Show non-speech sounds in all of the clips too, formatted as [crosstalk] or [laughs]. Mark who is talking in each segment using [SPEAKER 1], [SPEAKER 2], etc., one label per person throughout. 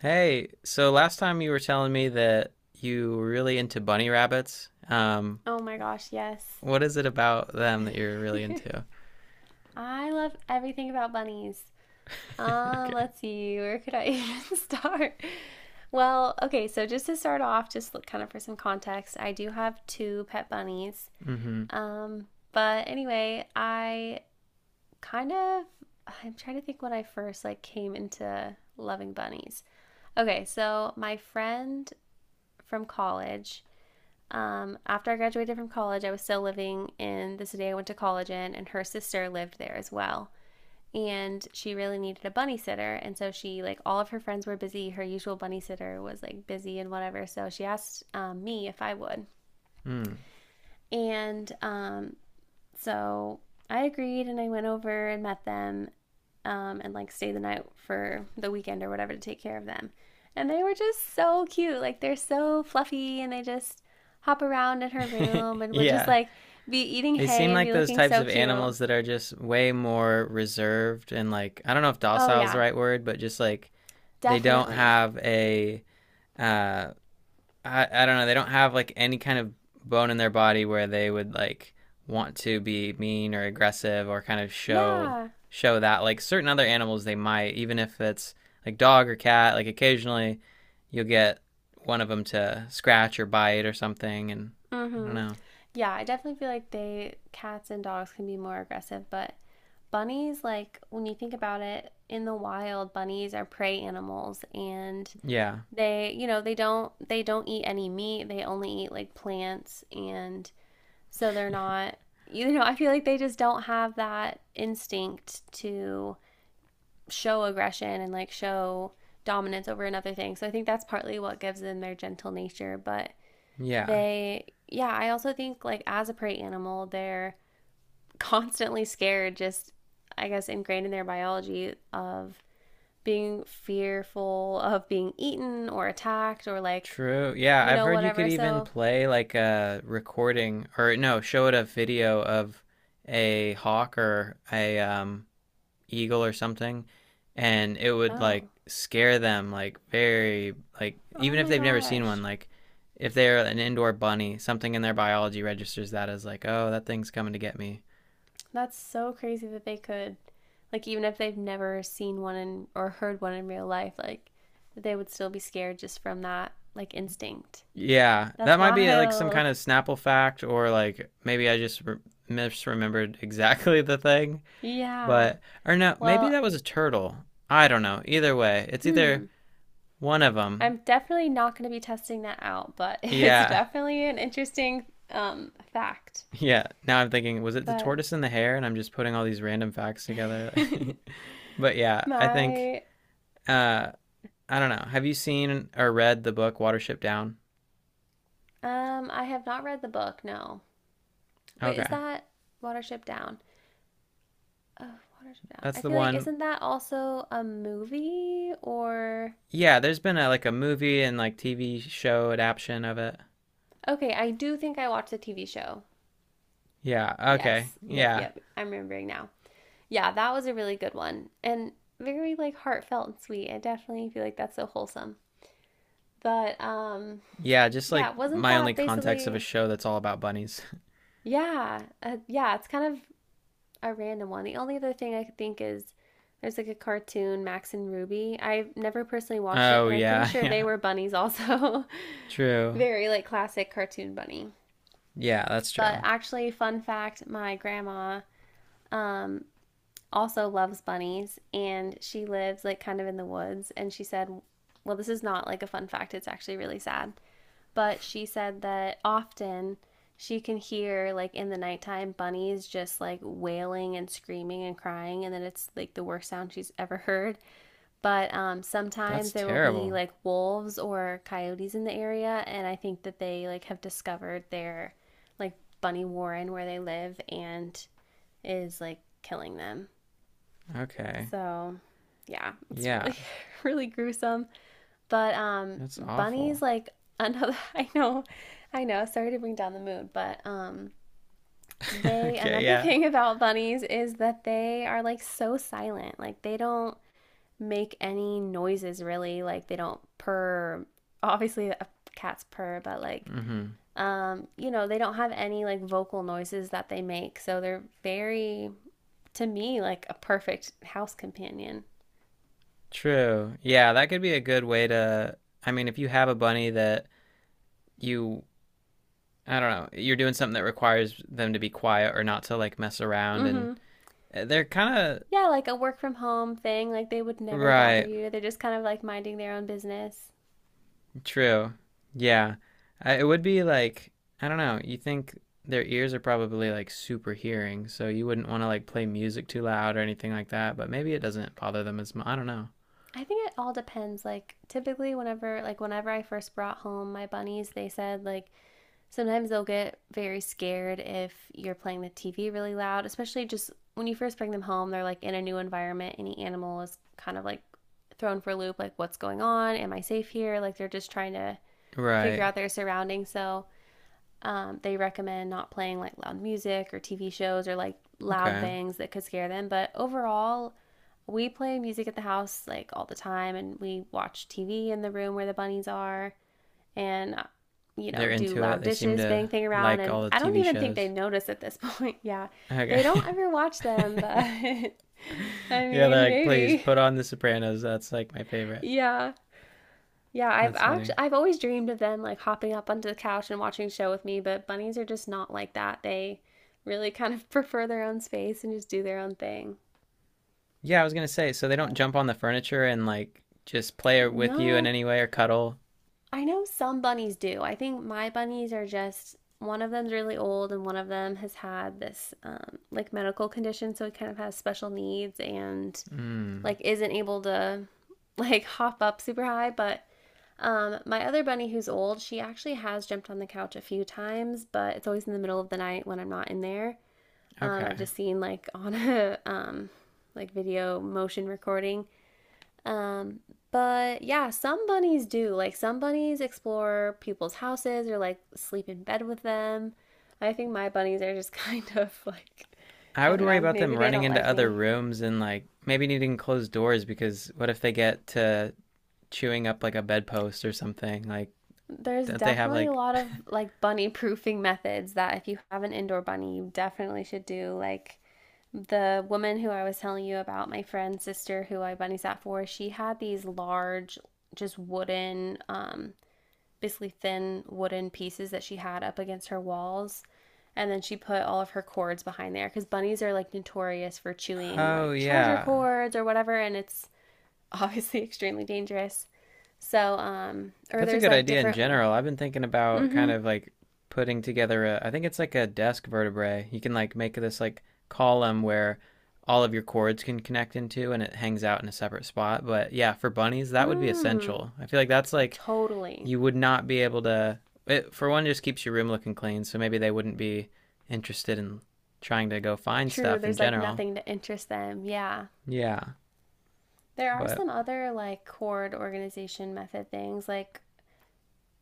[SPEAKER 1] Hey, so last time you were telling me that you were really into bunny rabbits.
[SPEAKER 2] Oh my gosh, yes.
[SPEAKER 1] What is it about them that you're really into?
[SPEAKER 2] I love everything about bunnies.
[SPEAKER 1] [laughs] Okay.
[SPEAKER 2] Let's see, where could I [laughs] even start? Well, okay, so just to start off, just look kind of for some context, I do have two pet bunnies.
[SPEAKER 1] Mm-hmm.
[SPEAKER 2] Um, but anyway, I kind of I'm trying to think when I first like came into loving bunnies. Okay, so my friend from college, after I graduated from college, I was still living in the city I went to college in, and her sister lived there as well. And she really needed a bunny sitter, and so she, like, all of her friends were busy, her usual bunny sitter was like busy and whatever, so she asked me if I would. And so I agreed and I went over and met them, and like stayed the night for the weekend or whatever to take care of them. And they were just so cute, like they're so fluffy, and they just hop around in her
[SPEAKER 1] Mm.
[SPEAKER 2] room
[SPEAKER 1] [laughs]
[SPEAKER 2] and would just
[SPEAKER 1] Yeah.
[SPEAKER 2] like be eating
[SPEAKER 1] They seem
[SPEAKER 2] hay and
[SPEAKER 1] like
[SPEAKER 2] be
[SPEAKER 1] those
[SPEAKER 2] looking
[SPEAKER 1] types
[SPEAKER 2] so
[SPEAKER 1] of
[SPEAKER 2] cute.
[SPEAKER 1] animals that are just way more reserved and like I don't know if
[SPEAKER 2] Oh
[SPEAKER 1] docile is the
[SPEAKER 2] yeah,
[SPEAKER 1] right word, but just like they don't
[SPEAKER 2] definitely.
[SPEAKER 1] have a uh I don't know. They don't have like any kind of bone in their body where they would like want to be mean or aggressive or kind of
[SPEAKER 2] Yeah.
[SPEAKER 1] show that. Like certain other animals, they might, even if it's like dog or cat. Like occasionally, you'll get one of them to scratch or bite or something, and I don't
[SPEAKER 2] Mm-hmm.
[SPEAKER 1] know.
[SPEAKER 2] Yeah, I definitely feel like they cats and dogs can be more aggressive, but bunnies, like, when you think about it, in the wild, bunnies are prey animals and
[SPEAKER 1] Yeah,
[SPEAKER 2] they, you know, they don't eat any meat. They only eat like plants, and so they're not, you know, [laughs] I feel like they just don't have that instinct to show aggression and like show dominance over another thing. So I think that's partly what gives them their gentle nature, but
[SPEAKER 1] yeah,
[SPEAKER 2] they, yeah, I also think, like, as a prey animal, they're constantly scared, just, I guess, ingrained in their biology of being fearful of being eaten or attacked, or, like,
[SPEAKER 1] true. Yeah,
[SPEAKER 2] you
[SPEAKER 1] I've
[SPEAKER 2] know,
[SPEAKER 1] heard you could
[SPEAKER 2] whatever.
[SPEAKER 1] even
[SPEAKER 2] So,
[SPEAKER 1] play like a recording or no, show it a video of a hawk or a eagle or something, and it would like
[SPEAKER 2] oh,
[SPEAKER 1] scare them like very, like
[SPEAKER 2] oh
[SPEAKER 1] even if
[SPEAKER 2] my
[SPEAKER 1] they've never seen one,
[SPEAKER 2] gosh.
[SPEAKER 1] like if they're an indoor bunny, something in their biology registers that as like, oh, that thing's coming to get me.
[SPEAKER 2] That's so crazy that they could, like, even if they've never seen one in, or heard one in real life, like, they would still be scared just from that, like, instinct.
[SPEAKER 1] Yeah,
[SPEAKER 2] That's [laughs]
[SPEAKER 1] that might be like some kind
[SPEAKER 2] wild.
[SPEAKER 1] of snapple fact, or like maybe I just misremembered [laughs] exactly the thing,
[SPEAKER 2] Yeah.
[SPEAKER 1] but or no, maybe
[SPEAKER 2] Well,
[SPEAKER 1] that was a turtle. I don't know, either way it's either
[SPEAKER 2] hmm.
[SPEAKER 1] one of them.
[SPEAKER 2] I'm definitely not going to be testing that out, but [laughs] it's
[SPEAKER 1] Yeah.
[SPEAKER 2] definitely an interesting fact.
[SPEAKER 1] Yeah, now I'm thinking, was it the
[SPEAKER 2] But
[SPEAKER 1] tortoise and the hare? And I'm just putting all these random facts together. [laughs] But
[SPEAKER 2] [laughs]
[SPEAKER 1] yeah, I think
[SPEAKER 2] my,
[SPEAKER 1] uh I don't know. Have you seen or read the book Watership Down?
[SPEAKER 2] I have not read the book. No, wait, is
[SPEAKER 1] Okay.
[SPEAKER 2] that Watership Down? Oh, Watership Down. I
[SPEAKER 1] That's the
[SPEAKER 2] feel like
[SPEAKER 1] one.
[SPEAKER 2] isn't that also a movie or?
[SPEAKER 1] Yeah, there's been a like a movie and like TV show adaptation of it.
[SPEAKER 2] Okay, I do think I watched the TV show.
[SPEAKER 1] Yeah, okay.
[SPEAKER 2] Yes, yep,
[SPEAKER 1] Yeah.
[SPEAKER 2] yep. I'm remembering now. Yeah, that was a really good one, and very like heartfelt and sweet. I definitely feel like that's so wholesome. But
[SPEAKER 1] Yeah, just
[SPEAKER 2] Yeah,
[SPEAKER 1] like
[SPEAKER 2] wasn't
[SPEAKER 1] my only
[SPEAKER 2] that
[SPEAKER 1] context of a
[SPEAKER 2] basically?
[SPEAKER 1] show that's all about bunnies. [laughs]
[SPEAKER 2] Yeah, yeah, it's kind of a random one. The only other thing I could think is there's like a cartoon, Max and Ruby. I've never personally watched it,
[SPEAKER 1] Oh
[SPEAKER 2] but I'm pretty
[SPEAKER 1] yeah,
[SPEAKER 2] sure they
[SPEAKER 1] yeah.
[SPEAKER 2] were bunnies also. [laughs]
[SPEAKER 1] True.
[SPEAKER 2] Very like classic cartoon bunny.
[SPEAKER 1] Yeah, that's
[SPEAKER 2] But
[SPEAKER 1] true.
[SPEAKER 2] actually, fun fact, my grandma um also loves bunnies, and she lives like kind of in the woods, and she said, well, this is not like a fun fact, it's actually really sad. But she said that often she can hear, like, in the nighttime, bunnies just like wailing and screaming and crying, and then it's like the worst sound she's ever [laughs] heard. But
[SPEAKER 1] That's
[SPEAKER 2] sometimes there will be
[SPEAKER 1] terrible.
[SPEAKER 2] like wolves or coyotes in the area, and I think that they, like, have discovered their, like, bunny warren where they live and is like killing them.
[SPEAKER 1] Okay.
[SPEAKER 2] So yeah, it's
[SPEAKER 1] Yeah.
[SPEAKER 2] really, [laughs] really gruesome. But
[SPEAKER 1] That's
[SPEAKER 2] bunnies
[SPEAKER 1] awful.
[SPEAKER 2] like [laughs] another I know, sorry to bring down the mood, but
[SPEAKER 1] [laughs]
[SPEAKER 2] they
[SPEAKER 1] Okay,
[SPEAKER 2] another [laughs]
[SPEAKER 1] yeah.
[SPEAKER 2] thing about bunnies is that they are like so silent. Like they don't make any noises really. Like they don't purr. Obviously cat's purr, but like,
[SPEAKER 1] Hmm.
[SPEAKER 2] you know, they don't have any like vocal noises that they make. So they're very, to me, like a perfect house companion.
[SPEAKER 1] True. Yeah, that could be a good way to. I mean, if you have a bunny that you, I don't know, you're doing something that requires them to be quiet or not to like mess around, and
[SPEAKER 2] Mhm.
[SPEAKER 1] they're kind
[SPEAKER 2] Yeah, like a work from home thing. Like they would
[SPEAKER 1] of
[SPEAKER 2] never bother
[SPEAKER 1] right.
[SPEAKER 2] you. They're just kind of like minding their own business.
[SPEAKER 1] True. Yeah, I, it would be like I don't know. You think their ears are probably like super hearing, so you wouldn't want to like play music too loud or anything like that. But maybe it doesn't bother them as much. I don't know.
[SPEAKER 2] I think it all depends. Like typically whenever I first brought home my bunnies, they said, like, sometimes they'll get very scared if you're playing the TV really loud, especially just when you first bring them home, they're like in a new environment. Any animal is kind of like thrown for a loop, like, what's going on? Am I safe here? Like they're just trying to figure
[SPEAKER 1] Right.
[SPEAKER 2] out their surroundings. So they recommend not playing like loud music or TV shows or like loud
[SPEAKER 1] Okay.
[SPEAKER 2] bangs that could scare them. But overall, we play music at the house like all the time, and we watch TV in the room where the bunnies are, and, you know,
[SPEAKER 1] They're
[SPEAKER 2] do
[SPEAKER 1] into it.
[SPEAKER 2] loud
[SPEAKER 1] They seem
[SPEAKER 2] dishes, bang
[SPEAKER 1] to
[SPEAKER 2] thing around.
[SPEAKER 1] like
[SPEAKER 2] And
[SPEAKER 1] all the
[SPEAKER 2] I don't
[SPEAKER 1] TV
[SPEAKER 2] even think they
[SPEAKER 1] shows.
[SPEAKER 2] notice at this point. [laughs] Yeah.
[SPEAKER 1] Okay.
[SPEAKER 2] They don't ever watch them, but [laughs]
[SPEAKER 1] [laughs] [laughs]
[SPEAKER 2] I
[SPEAKER 1] Yeah,
[SPEAKER 2] mean,
[SPEAKER 1] they're like, please
[SPEAKER 2] maybe. [laughs]
[SPEAKER 1] put on The Sopranos. That's like my favorite.
[SPEAKER 2] Yeah. Yeah,
[SPEAKER 1] That's funny.
[SPEAKER 2] I've always dreamed of them like hopping up onto the couch and watching a show with me, but bunnies are just not like that. They really kind of [laughs] prefer their own space and just do their own thing.
[SPEAKER 1] Yeah, I was gonna say, so they don't
[SPEAKER 2] But
[SPEAKER 1] jump on the furniture and like just play with you in
[SPEAKER 2] no,
[SPEAKER 1] any way or cuddle.
[SPEAKER 2] I know some bunnies do. I think my bunnies are just, one of them's really old, and one of them has had this like medical condition, so it kind of has special needs and
[SPEAKER 1] Hmm.
[SPEAKER 2] like isn't able to [laughs] like hop up super high, but my other bunny, who's old, she actually has jumped on the couch a few times, but it's always in the middle of the night when I'm not in there. I've
[SPEAKER 1] Okay.
[SPEAKER 2] just seen like [laughs] on a like video motion recording. Um, but yeah, some bunnies do. Like some bunnies explore people's houses or like sleep in bed with them. I think my bunnies are just [laughs] kind of like,
[SPEAKER 1] I
[SPEAKER 2] I
[SPEAKER 1] would
[SPEAKER 2] don't
[SPEAKER 1] worry
[SPEAKER 2] know,
[SPEAKER 1] about
[SPEAKER 2] maybe
[SPEAKER 1] them
[SPEAKER 2] they
[SPEAKER 1] running
[SPEAKER 2] don't
[SPEAKER 1] into
[SPEAKER 2] like
[SPEAKER 1] other
[SPEAKER 2] me.
[SPEAKER 1] rooms and like maybe needing closed doors, because what if they get to chewing up like a bedpost or something? Like,
[SPEAKER 2] There's
[SPEAKER 1] don't they have
[SPEAKER 2] definitely a
[SPEAKER 1] like?
[SPEAKER 2] lot
[SPEAKER 1] [laughs]
[SPEAKER 2] of like bunny proofing methods that if you have an indoor bunny, you definitely should do. Like the woman who I was telling you about, my friend's sister who I bunny sat for, she had these large, just wooden, basically thin wooden pieces that she had up against her walls. And then she put all of her cords behind there, because bunnies are like notorious for chewing
[SPEAKER 1] Oh
[SPEAKER 2] like charger
[SPEAKER 1] yeah.
[SPEAKER 2] cords or whatever. And it's [laughs] obviously extremely dangerous. So, or
[SPEAKER 1] That's a
[SPEAKER 2] there's
[SPEAKER 1] good
[SPEAKER 2] like
[SPEAKER 1] idea in
[SPEAKER 2] different.
[SPEAKER 1] general. I've been thinking about
[SPEAKER 2] Mm hmm.
[SPEAKER 1] kind of like putting together a, I think it's like a desk vertebrae. You can like make this like column where all of your cords can connect into and it hangs out in a separate spot. But yeah, for bunnies, that would be
[SPEAKER 2] Mm,
[SPEAKER 1] essential. I feel like that's like
[SPEAKER 2] totally.
[SPEAKER 1] you would not be able to, it, for one, just keeps your room looking clean. So maybe they wouldn't be interested in trying to go find
[SPEAKER 2] True.
[SPEAKER 1] stuff in
[SPEAKER 2] There's like
[SPEAKER 1] general.
[SPEAKER 2] nothing to interest them. Yeah.
[SPEAKER 1] Yeah.
[SPEAKER 2] There are
[SPEAKER 1] But
[SPEAKER 2] some other like chord organization method things like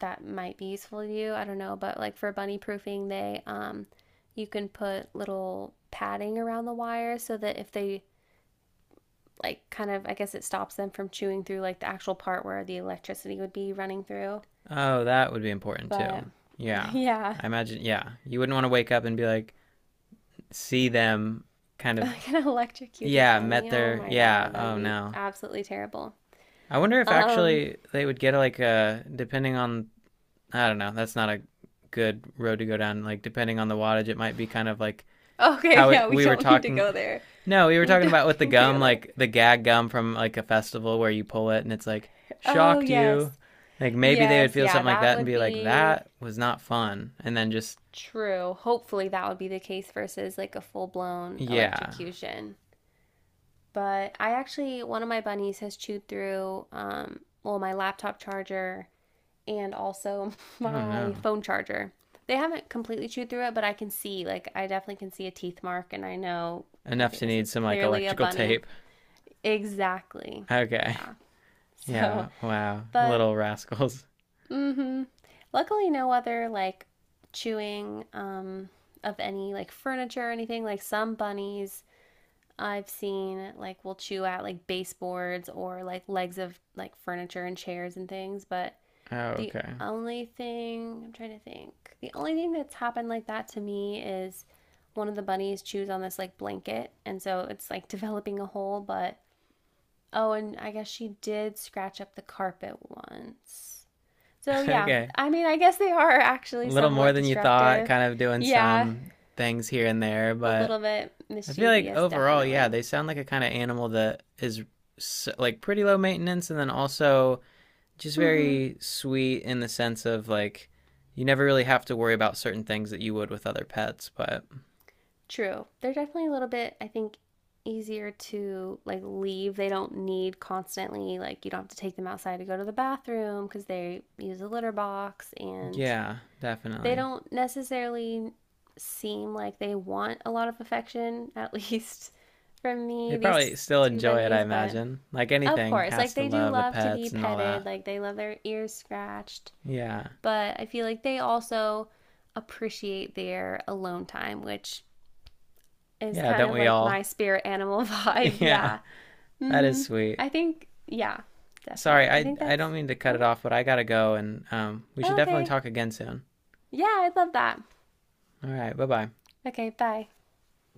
[SPEAKER 2] that might be useful to you. I don't know, but like for bunny proofing, they you can put little padding around the wire so that if they like, kind of, I guess it stops them from chewing through like the actual part where the electricity would be running through.
[SPEAKER 1] oh, that would be important too.
[SPEAKER 2] But
[SPEAKER 1] Yeah.
[SPEAKER 2] yeah,
[SPEAKER 1] I imagine, yeah. You wouldn't want to wake up and be like, see them kind
[SPEAKER 2] [laughs]
[SPEAKER 1] of,
[SPEAKER 2] like an electrocuted
[SPEAKER 1] yeah, met
[SPEAKER 2] bunny. Oh
[SPEAKER 1] their,
[SPEAKER 2] my
[SPEAKER 1] yeah,
[SPEAKER 2] god, that'd
[SPEAKER 1] oh
[SPEAKER 2] be
[SPEAKER 1] no,
[SPEAKER 2] absolutely terrible.
[SPEAKER 1] I wonder if
[SPEAKER 2] Um
[SPEAKER 1] actually they would get like a, depending on, I don't know, that's not a good road to go down. Like depending on the wattage it might be kind of like
[SPEAKER 2] Okay, [laughs]
[SPEAKER 1] how it,
[SPEAKER 2] yeah, we
[SPEAKER 1] we were
[SPEAKER 2] don't need to
[SPEAKER 1] talking,
[SPEAKER 2] go there.
[SPEAKER 1] no, we were
[SPEAKER 2] We
[SPEAKER 1] talking
[SPEAKER 2] don't
[SPEAKER 1] about with
[SPEAKER 2] [laughs]
[SPEAKER 1] the
[SPEAKER 2] need to go
[SPEAKER 1] gum,
[SPEAKER 2] there.
[SPEAKER 1] like the gag gum from like a festival where you pull it and it's like
[SPEAKER 2] Oh,
[SPEAKER 1] shocked you,
[SPEAKER 2] yes.
[SPEAKER 1] like maybe they would
[SPEAKER 2] Yes,
[SPEAKER 1] feel
[SPEAKER 2] yeah,
[SPEAKER 1] something like
[SPEAKER 2] that
[SPEAKER 1] that and
[SPEAKER 2] would
[SPEAKER 1] be like
[SPEAKER 2] be
[SPEAKER 1] that was not fun and then just
[SPEAKER 2] true. Hopefully, that would be the case versus like a full blown
[SPEAKER 1] yeah
[SPEAKER 2] electrocution. But one of my bunnies has chewed through, well, my laptop charger, and also [laughs]
[SPEAKER 1] I don't
[SPEAKER 2] my
[SPEAKER 1] know
[SPEAKER 2] phone charger. They haven't completely chewed through it, but I can see, like, I definitely can see a teeth mark, and I know,
[SPEAKER 1] enough
[SPEAKER 2] okay,
[SPEAKER 1] to
[SPEAKER 2] this
[SPEAKER 1] need
[SPEAKER 2] is
[SPEAKER 1] some like
[SPEAKER 2] clearly a
[SPEAKER 1] electrical
[SPEAKER 2] bunny.
[SPEAKER 1] tape.
[SPEAKER 2] Exactly.
[SPEAKER 1] [laughs] Okay.
[SPEAKER 2] Yeah. [laughs] So,
[SPEAKER 1] Yeah, wow.
[SPEAKER 2] but
[SPEAKER 1] Little rascals.
[SPEAKER 2] mm-hmm. Luckily no other like chewing of any like furniture or anything. Like some bunnies I've seen like will chew at like baseboards or like legs of like furniture and chairs and things, but
[SPEAKER 1] Oh,
[SPEAKER 2] the
[SPEAKER 1] okay.
[SPEAKER 2] only thing I'm trying to think. The only thing that's happened like that to me is one of the bunnies chews on this like blanket, and so it's like [laughs] developing a hole, but oh, and I guess she did scratch up the carpet once. So,
[SPEAKER 1] [laughs]
[SPEAKER 2] yeah,
[SPEAKER 1] Okay.
[SPEAKER 2] I mean, I guess they are
[SPEAKER 1] A
[SPEAKER 2] actually
[SPEAKER 1] little more
[SPEAKER 2] somewhat
[SPEAKER 1] than you thought,
[SPEAKER 2] destructive.
[SPEAKER 1] kind of doing
[SPEAKER 2] Yeah,
[SPEAKER 1] some things here and there,
[SPEAKER 2] a
[SPEAKER 1] but
[SPEAKER 2] little bit
[SPEAKER 1] I feel like
[SPEAKER 2] mischievous,
[SPEAKER 1] overall, yeah,
[SPEAKER 2] definitely.
[SPEAKER 1] they sound like a kind of animal that is s like pretty low maintenance, and then also just
[SPEAKER 2] Mm-hmm.
[SPEAKER 1] very sweet in the sense of like you never really have to worry about certain things that you would with other pets, but
[SPEAKER 2] True. They're definitely a little bit, I think, easier to like leave. They don't need constantly, like, you don't have to take them outside to go to the bathroom because they use a litter box, and
[SPEAKER 1] yeah,
[SPEAKER 2] they
[SPEAKER 1] definitely.
[SPEAKER 2] don't necessarily seem like they want a lot of affection, [laughs] at least from
[SPEAKER 1] They
[SPEAKER 2] me, these
[SPEAKER 1] probably still
[SPEAKER 2] two
[SPEAKER 1] enjoy it, I
[SPEAKER 2] bunnies, but
[SPEAKER 1] imagine. Like
[SPEAKER 2] of
[SPEAKER 1] anything
[SPEAKER 2] course,
[SPEAKER 1] has
[SPEAKER 2] like
[SPEAKER 1] to
[SPEAKER 2] they do
[SPEAKER 1] love the
[SPEAKER 2] love to be
[SPEAKER 1] pets and all
[SPEAKER 2] petted,
[SPEAKER 1] that.
[SPEAKER 2] like they love their ears scratched,
[SPEAKER 1] Yeah.
[SPEAKER 2] but I feel like they also appreciate their alone time, which is
[SPEAKER 1] Yeah,
[SPEAKER 2] kind
[SPEAKER 1] don't
[SPEAKER 2] of
[SPEAKER 1] we
[SPEAKER 2] like
[SPEAKER 1] all?
[SPEAKER 2] my spirit animal [laughs] vibe.
[SPEAKER 1] [laughs] Yeah,
[SPEAKER 2] Yeah.
[SPEAKER 1] that is
[SPEAKER 2] Mm-hmm.
[SPEAKER 1] sweet.
[SPEAKER 2] I think, yeah,
[SPEAKER 1] Sorry,
[SPEAKER 2] definitely. I
[SPEAKER 1] I
[SPEAKER 2] think
[SPEAKER 1] I
[SPEAKER 2] that's,
[SPEAKER 1] don't mean to cut it
[SPEAKER 2] oh,
[SPEAKER 1] off, but I gotta go, and we should definitely
[SPEAKER 2] okay.
[SPEAKER 1] talk again soon.
[SPEAKER 2] Yeah, I love that.
[SPEAKER 1] All right, bye bye.
[SPEAKER 2] Okay, bye.